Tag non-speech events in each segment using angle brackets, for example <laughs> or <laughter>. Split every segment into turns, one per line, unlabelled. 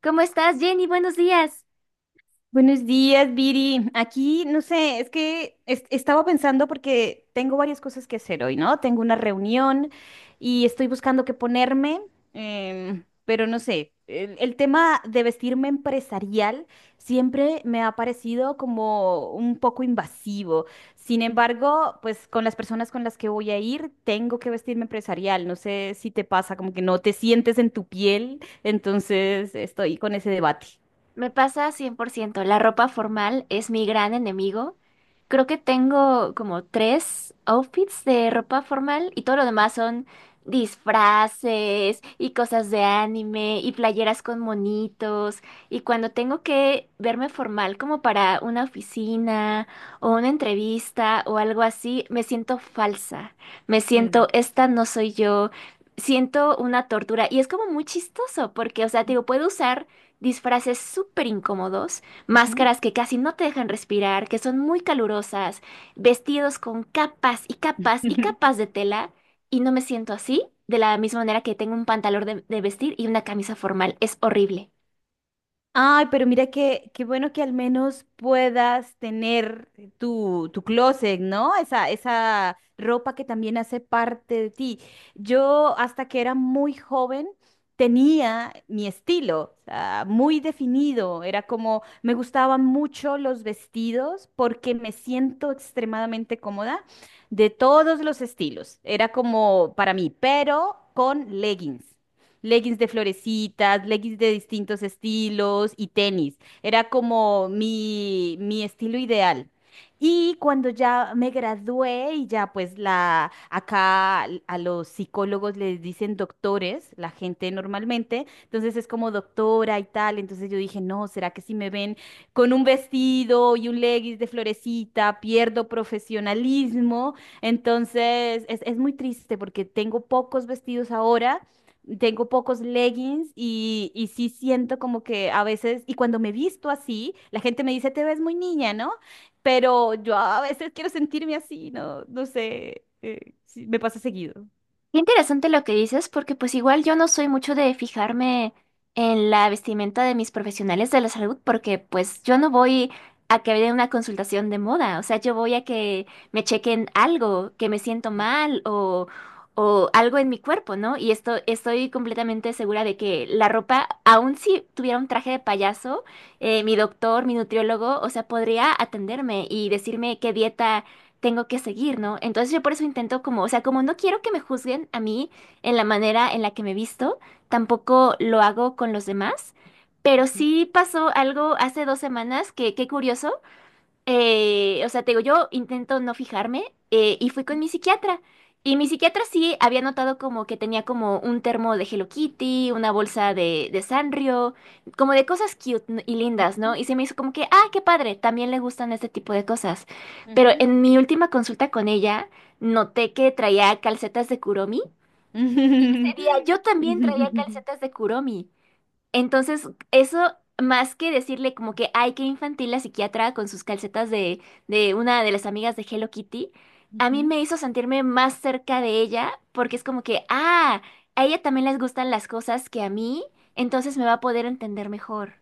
¿Cómo estás, Jenny? Buenos días.
Buenos días, Viri. Aquí, no sé, estaba pensando porque tengo varias cosas que hacer hoy, ¿no? Tengo una reunión y estoy buscando qué ponerme, pero no sé, el tema de vestirme empresarial siempre me ha parecido como un poco invasivo. Sin embargo, pues con las personas con las que voy a ir, tengo que vestirme empresarial. No sé si te pasa, como que no te sientes en tu piel, entonces estoy con ese debate.
Me pasa 100%. La ropa formal es mi gran enemigo. Creo que tengo como tres outfits de ropa formal y todo lo demás son disfraces y cosas de anime y playeras con monitos. Y cuando tengo que verme formal como para una oficina o una entrevista o algo así, me siento falsa. Me
Mm.
siento, esta no soy yo. Siento una tortura y es como muy chistoso porque, o sea, te digo, puedo usar disfraces súper incómodos,
Ujú.
máscaras que casi no te dejan respirar, que son muy calurosas, vestidos con capas y capas y capas
<laughs>
de tela, y no me siento así, de la misma manera que tengo un pantalón de vestir y una camisa formal. Es horrible.
Ay, pero mira que qué bueno que al menos puedas tener tu closet, ¿no? Esa ropa que también hace parte de ti. Yo hasta que era muy joven tenía mi estilo, o sea, muy definido. Era como, me gustaban mucho los vestidos porque me siento extremadamente cómoda de todos los estilos. Era como para mí, pero con leggings. Leggings de florecitas, leggings de distintos estilos y tenis. Era como mi estilo ideal. Y cuando ya me gradué y ya pues la acá a los psicólogos les dicen doctores, la gente normalmente, entonces es como doctora y tal, entonces yo dije: "No, ¿será que si me ven con un vestido y un leggings de florecita pierdo profesionalismo?". Entonces es muy triste porque tengo pocos vestidos, ahora tengo pocos leggings y sí siento como que a veces, y cuando me visto así, la gente me dice, te ves muy niña, ¿no? Pero yo a veces quiero sentirme así, no, no sé, sí, me pasa seguido.
Qué interesante lo que dices, porque pues igual yo no soy mucho de fijarme en la vestimenta de mis profesionales de la salud, porque pues yo no voy a que me den una consultación de moda, o sea, yo voy a que me chequen algo, que me siento mal o algo en mi cuerpo, ¿no? Y esto, estoy completamente segura de que la ropa, aun si tuviera un traje de payaso, mi doctor, mi nutriólogo, o sea, podría atenderme y decirme qué dieta tengo que seguir, ¿no? Entonces yo por eso intento como, o sea, como no quiero que me juzguen a mí en la manera en la que me visto, tampoco lo hago con los demás. Pero
Ujú,
sí pasó algo hace dos semanas que, qué curioso, o sea, te digo, yo intento no fijarme y fui con mi psiquiatra. Y mi psiquiatra sí había notado como que tenía como un termo de Hello Kitty, una bolsa de Sanrio, como de cosas cute y lindas, ¿no? Y se me hizo como que, ah, qué padre, también le gustan este tipo de cosas. Pero
ujú,
en mi última consulta con ella, noté que traía calcetas de Kuromi. Y ese día yo también traía
ujú. <laughs>
calcetas de Kuromi. Entonces, eso más que decirle como que, ay, qué infantil la psiquiatra con sus calcetas de una de las amigas de Hello Kitty, a mí
Ujú.
me hizo sentirme más cerca de ella porque es como que, ah, a ella también les gustan las cosas que a mí, entonces me va a poder entender mejor.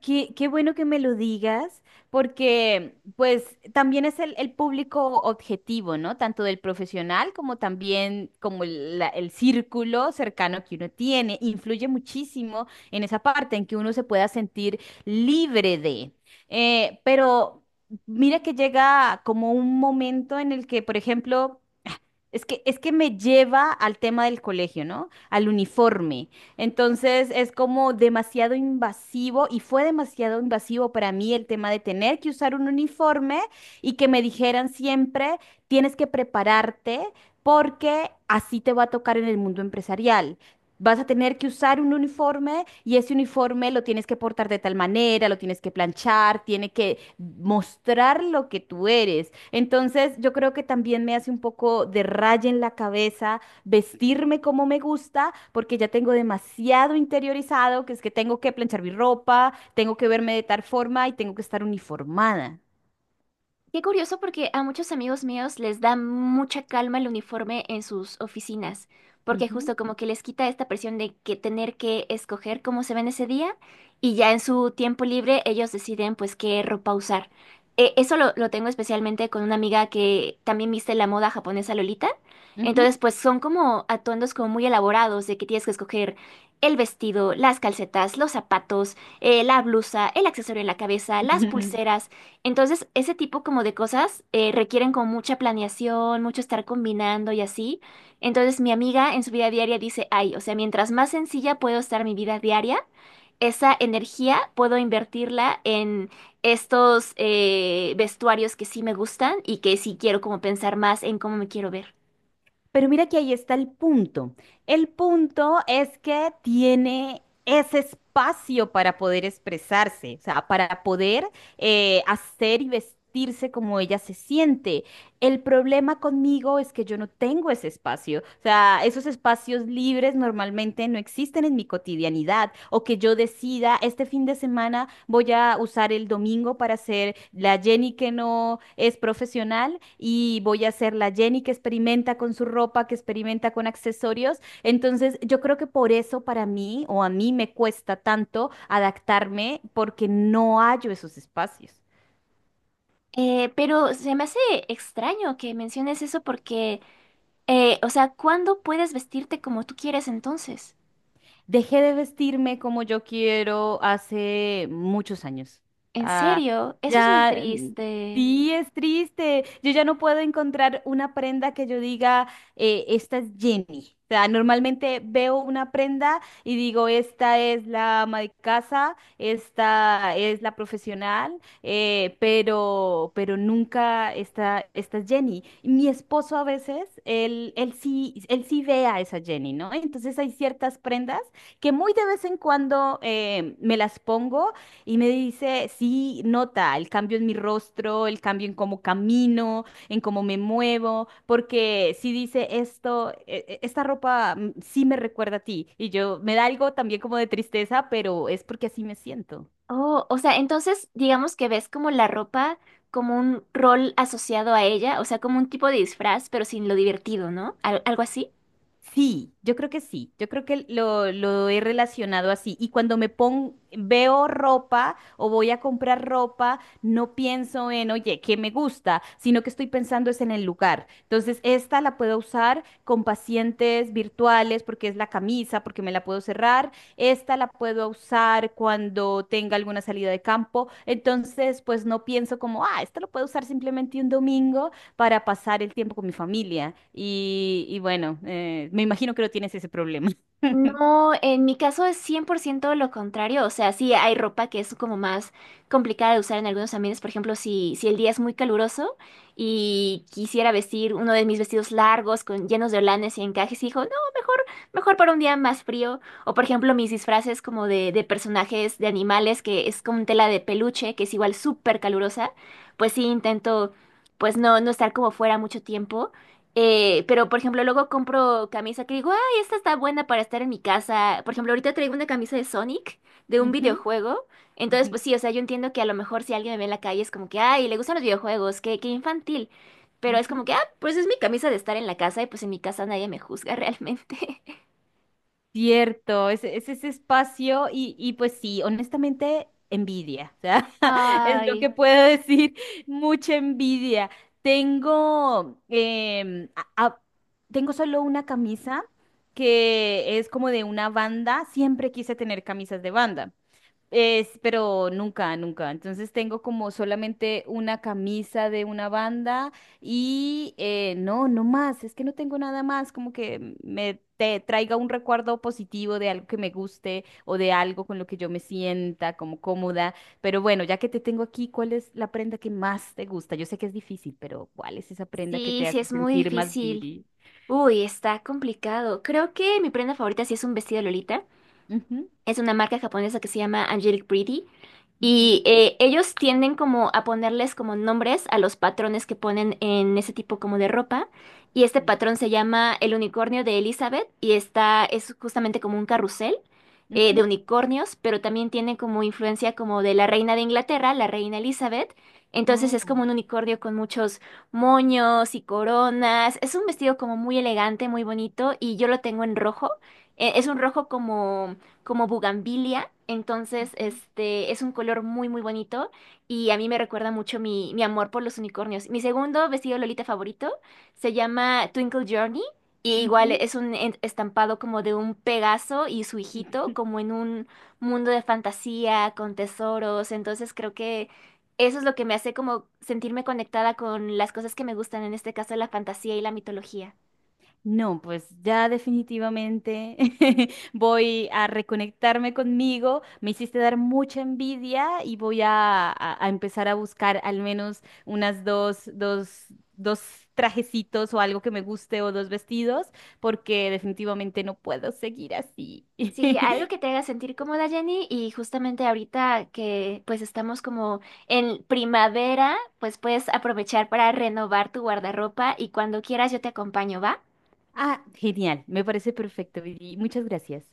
Qué bueno que me lo digas, porque pues también es el público objetivo, ¿no? Tanto del profesional como también como el, el círculo cercano que uno tiene. Influye muchísimo en esa parte en que uno se pueda sentir libre de. Pero mira que llega como un momento en el que, por ejemplo... Es que me lleva al tema del colegio, ¿no? Al uniforme. Entonces es como demasiado invasivo y fue demasiado invasivo para mí el tema de tener que usar un uniforme y que me dijeran siempre, tienes que prepararte porque así te va a tocar en el mundo empresarial. Vas a tener que usar un uniforme y ese uniforme lo tienes que portar de tal manera, lo tienes que planchar, tiene que mostrar lo que tú eres. Entonces, yo creo que también me hace un poco de raya en la cabeza vestirme como me gusta, porque ya tengo demasiado interiorizado, que es que tengo que planchar mi ropa, tengo que verme de tal forma y tengo que estar uniformada.
Qué curioso porque a muchos amigos míos les da mucha calma el uniforme en sus oficinas, porque
Ujú,
justo como que les quita esta presión de que tener que escoger cómo se ven ese día y ya en su tiempo libre ellos deciden pues qué ropa usar. Eso lo tengo especialmente con una amiga que también viste la moda japonesa Lolita.
ujú.
Entonces pues son como atuendos como muy elaborados de que tienes que escoger el vestido, las calcetas, los zapatos, la blusa, el accesorio en la cabeza, las
<laughs>
pulseras. Entonces, ese tipo como de cosas requieren como mucha planeación, mucho estar combinando y así. Entonces, mi amiga en su vida diaria dice, ay, o sea, mientras más sencilla puedo estar mi vida diaria, esa energía puedo invertirla en estos vestuarios que sí me gustan y que sí quiero como pensar más en cómo me quiero ver.
Pero mira que ahí está el punto. El punto es que tiene ese espacio para poder expresarse, o sea, para poder hacer y vestirse como ella se siente. El problema conmigo es que yo no tengo ese espacio. O sea, esos espacios libres normalmente no existen en mi cotidianidad. O que yo decida, este fin de semana voy a usar el domingo para ser la Jenny que no es profesional y voy a ser la Jenny que experimenta con su ropa, que experimenta con accesorios. Entonces, yo creo que por eso para mí o a mí me cuesta tanto adaptarme porque no hallo esos espacios.
Pero se me hace extraño que menciones eso porque, o sea, ¿cuándo puedes vestirte como tú quieres entonces?
Dejé de vestirme como yo quiero hace muchos años.
En
Ah,
serio, eso es muy
ya, mm,
triste.
sí, es triste. Yo ya no puedo encontrar una prenda que yo diga, esta es Jenny. O sea, normalmente veo una prenda y digo, esta es la ama de casa, esta es la profesional, pero nunca esta es Jenny. Y mi esposo a veces, él sí ve a esa Jenny, ¿no? Entonces hay ciertas prendas que muy de vez en cuando me las pongo y me dice, sí, nota el cambio en mi rostro, el cambio en cómo camino, en cómo me muevo, porque si dice esto, esta ropa sí me recuerda a ti. Y yo me da algo también como de tristeza, pero es porque así me siento.
Oh, o sea, entonces digamos que ves como la ropa como un rol asociado a ella, o sea, como un tipo de disfraz, pero sin lo divertido, ¿no? Algo así.
Sí, yo creo que sí, yo creo que lo he relacionado así. Y cuando me pongo, veo ropa o voy a comprar ropa, no pienso en, oye, ¿qué me gusta? Sino que estoy pensando es en el lugar. Entonces, esta la puedo usar con pacientes virtuales porque es la camisa, porque me la puedo cerrar. Esta la puedo usar cuando tenga alguna salida de campo. Entonces, pues no pienso como, ah, esta lo puedo usar simplemente un domingo, para pasar el tiempo con mi familia. Y bueno, me imagino que no tienes ese problema. <laughs>
No, en mi caso es 100% lo contrario, o sea, sí hay ropa que es como más complicada de usar en algunos ambientes, por ejemplo, si el día es muy caluroso y quisiera vestir uno de mis vestidos largos con llenos de holanes y encajes, y digo, no, mejor, mejor para un día más frío, o por ejemplo mis disfraces como de personajes de animales, que es con tela de peluche, que es igual súper calurosa, pues sí intento, pues no, no estar como fuera mucho tiempo. Pero, por ejemplo, luego compro camisa que digo, "Ah, esta está buena para estar en mi casa". Por ejemplo, ahorita traigo una camisa de Sonic, de un
Ujú,
videojuego. Entonces,
ujú,
pues sí, o sea, yo entiendo que a lo mejor si alguien me ve en la calle es como que, ay, le gustan los videojuegos, qué, qué infantil. Pero es
ujú.
como que, ah, pues es mi camisa de estar en la casa y pues en mi casa nadie me juzga realmente.
Cierto, es ese espacio y pues sí, honestamente, envidia, o sea,
<laughs>
<laughs> es lo
Ay,
que puedo decir, mucha envidia. Tengo, tengo solo una camisa que es como de una banda, siempre quise tener camisas de banda. Es, pero nunca, nunca. Entonces tengo como solamente una camisa de una banda y no, no más. Es que no tengo nada más como que me te traiga un recuerdo positivo de algo que me guste o de algo con lo que yo me sienta como cómoda. Pero bueno, ya que te tengo aquí, ¿cuál es la prenda que más te gusta? Yo sé que es difícil, pero ¿cuál es esa prenda que
sí,
te
sí,
hace
es muy
sentir más
difícil.
beauty?
Uy, está complicado. Creo que mi prenda favorita sí es un vestido Lolita.
Ujú,
Es una marca japonesa que se llama Angelic Pretty.
ujú,
Y ellos tienden como a ponerles como nombres a los patrones que ponen en ese tipo como de ropa. Y este
sí.
patrón se llama el unicornio de Elizabeth y está, es justamente como un carrusel
Ujú.
de unicornios, pero también tiene como influencia como de la reina de Inglaterra, la reina Elizabeth. Entonces es
Oh.
como un unicornio con muchos moños y coronas. Es un vestido como muy elegante, muy bonito y yo lo tengo en rojo. Es un rojo como como bugambilia. Entonces,
Ujú,
este es un color muy, muy bonito y a mí me recuerda mucho mi amor por los unicornios. Mi segundo vestido Lolita favorito se llama Twinkle Journey y igual
ujú,
es un estampado como de un Pegaso y su hijito,
ujú.
como en un mundo de fantasía con tesoros. Entonces, creo que eso es lo que me hace como sentirme conectada con las cosas que me gustan, en este caso la fantasía y la mitología.
No, pues ya definitivamente <laughs> voy a reconectarme conmigo. Me hiciste dar mucha envidia y voy a empezar a buscar al menos unas dos trajecitos o algo que me guste o dos vestidos, porque definitivamente no puedo seguir así.
Sí, algo que
<laughs>
te haga sentir cómoda, Jenny, y justamente ahorita que pues estamos como en primavera, pues puedes aprovechar para renovar tu guardarropa y cuando quieras yo te acompaño, ¿va?
Ah, genial, me parece perfecto, Viri. Muchas gracias.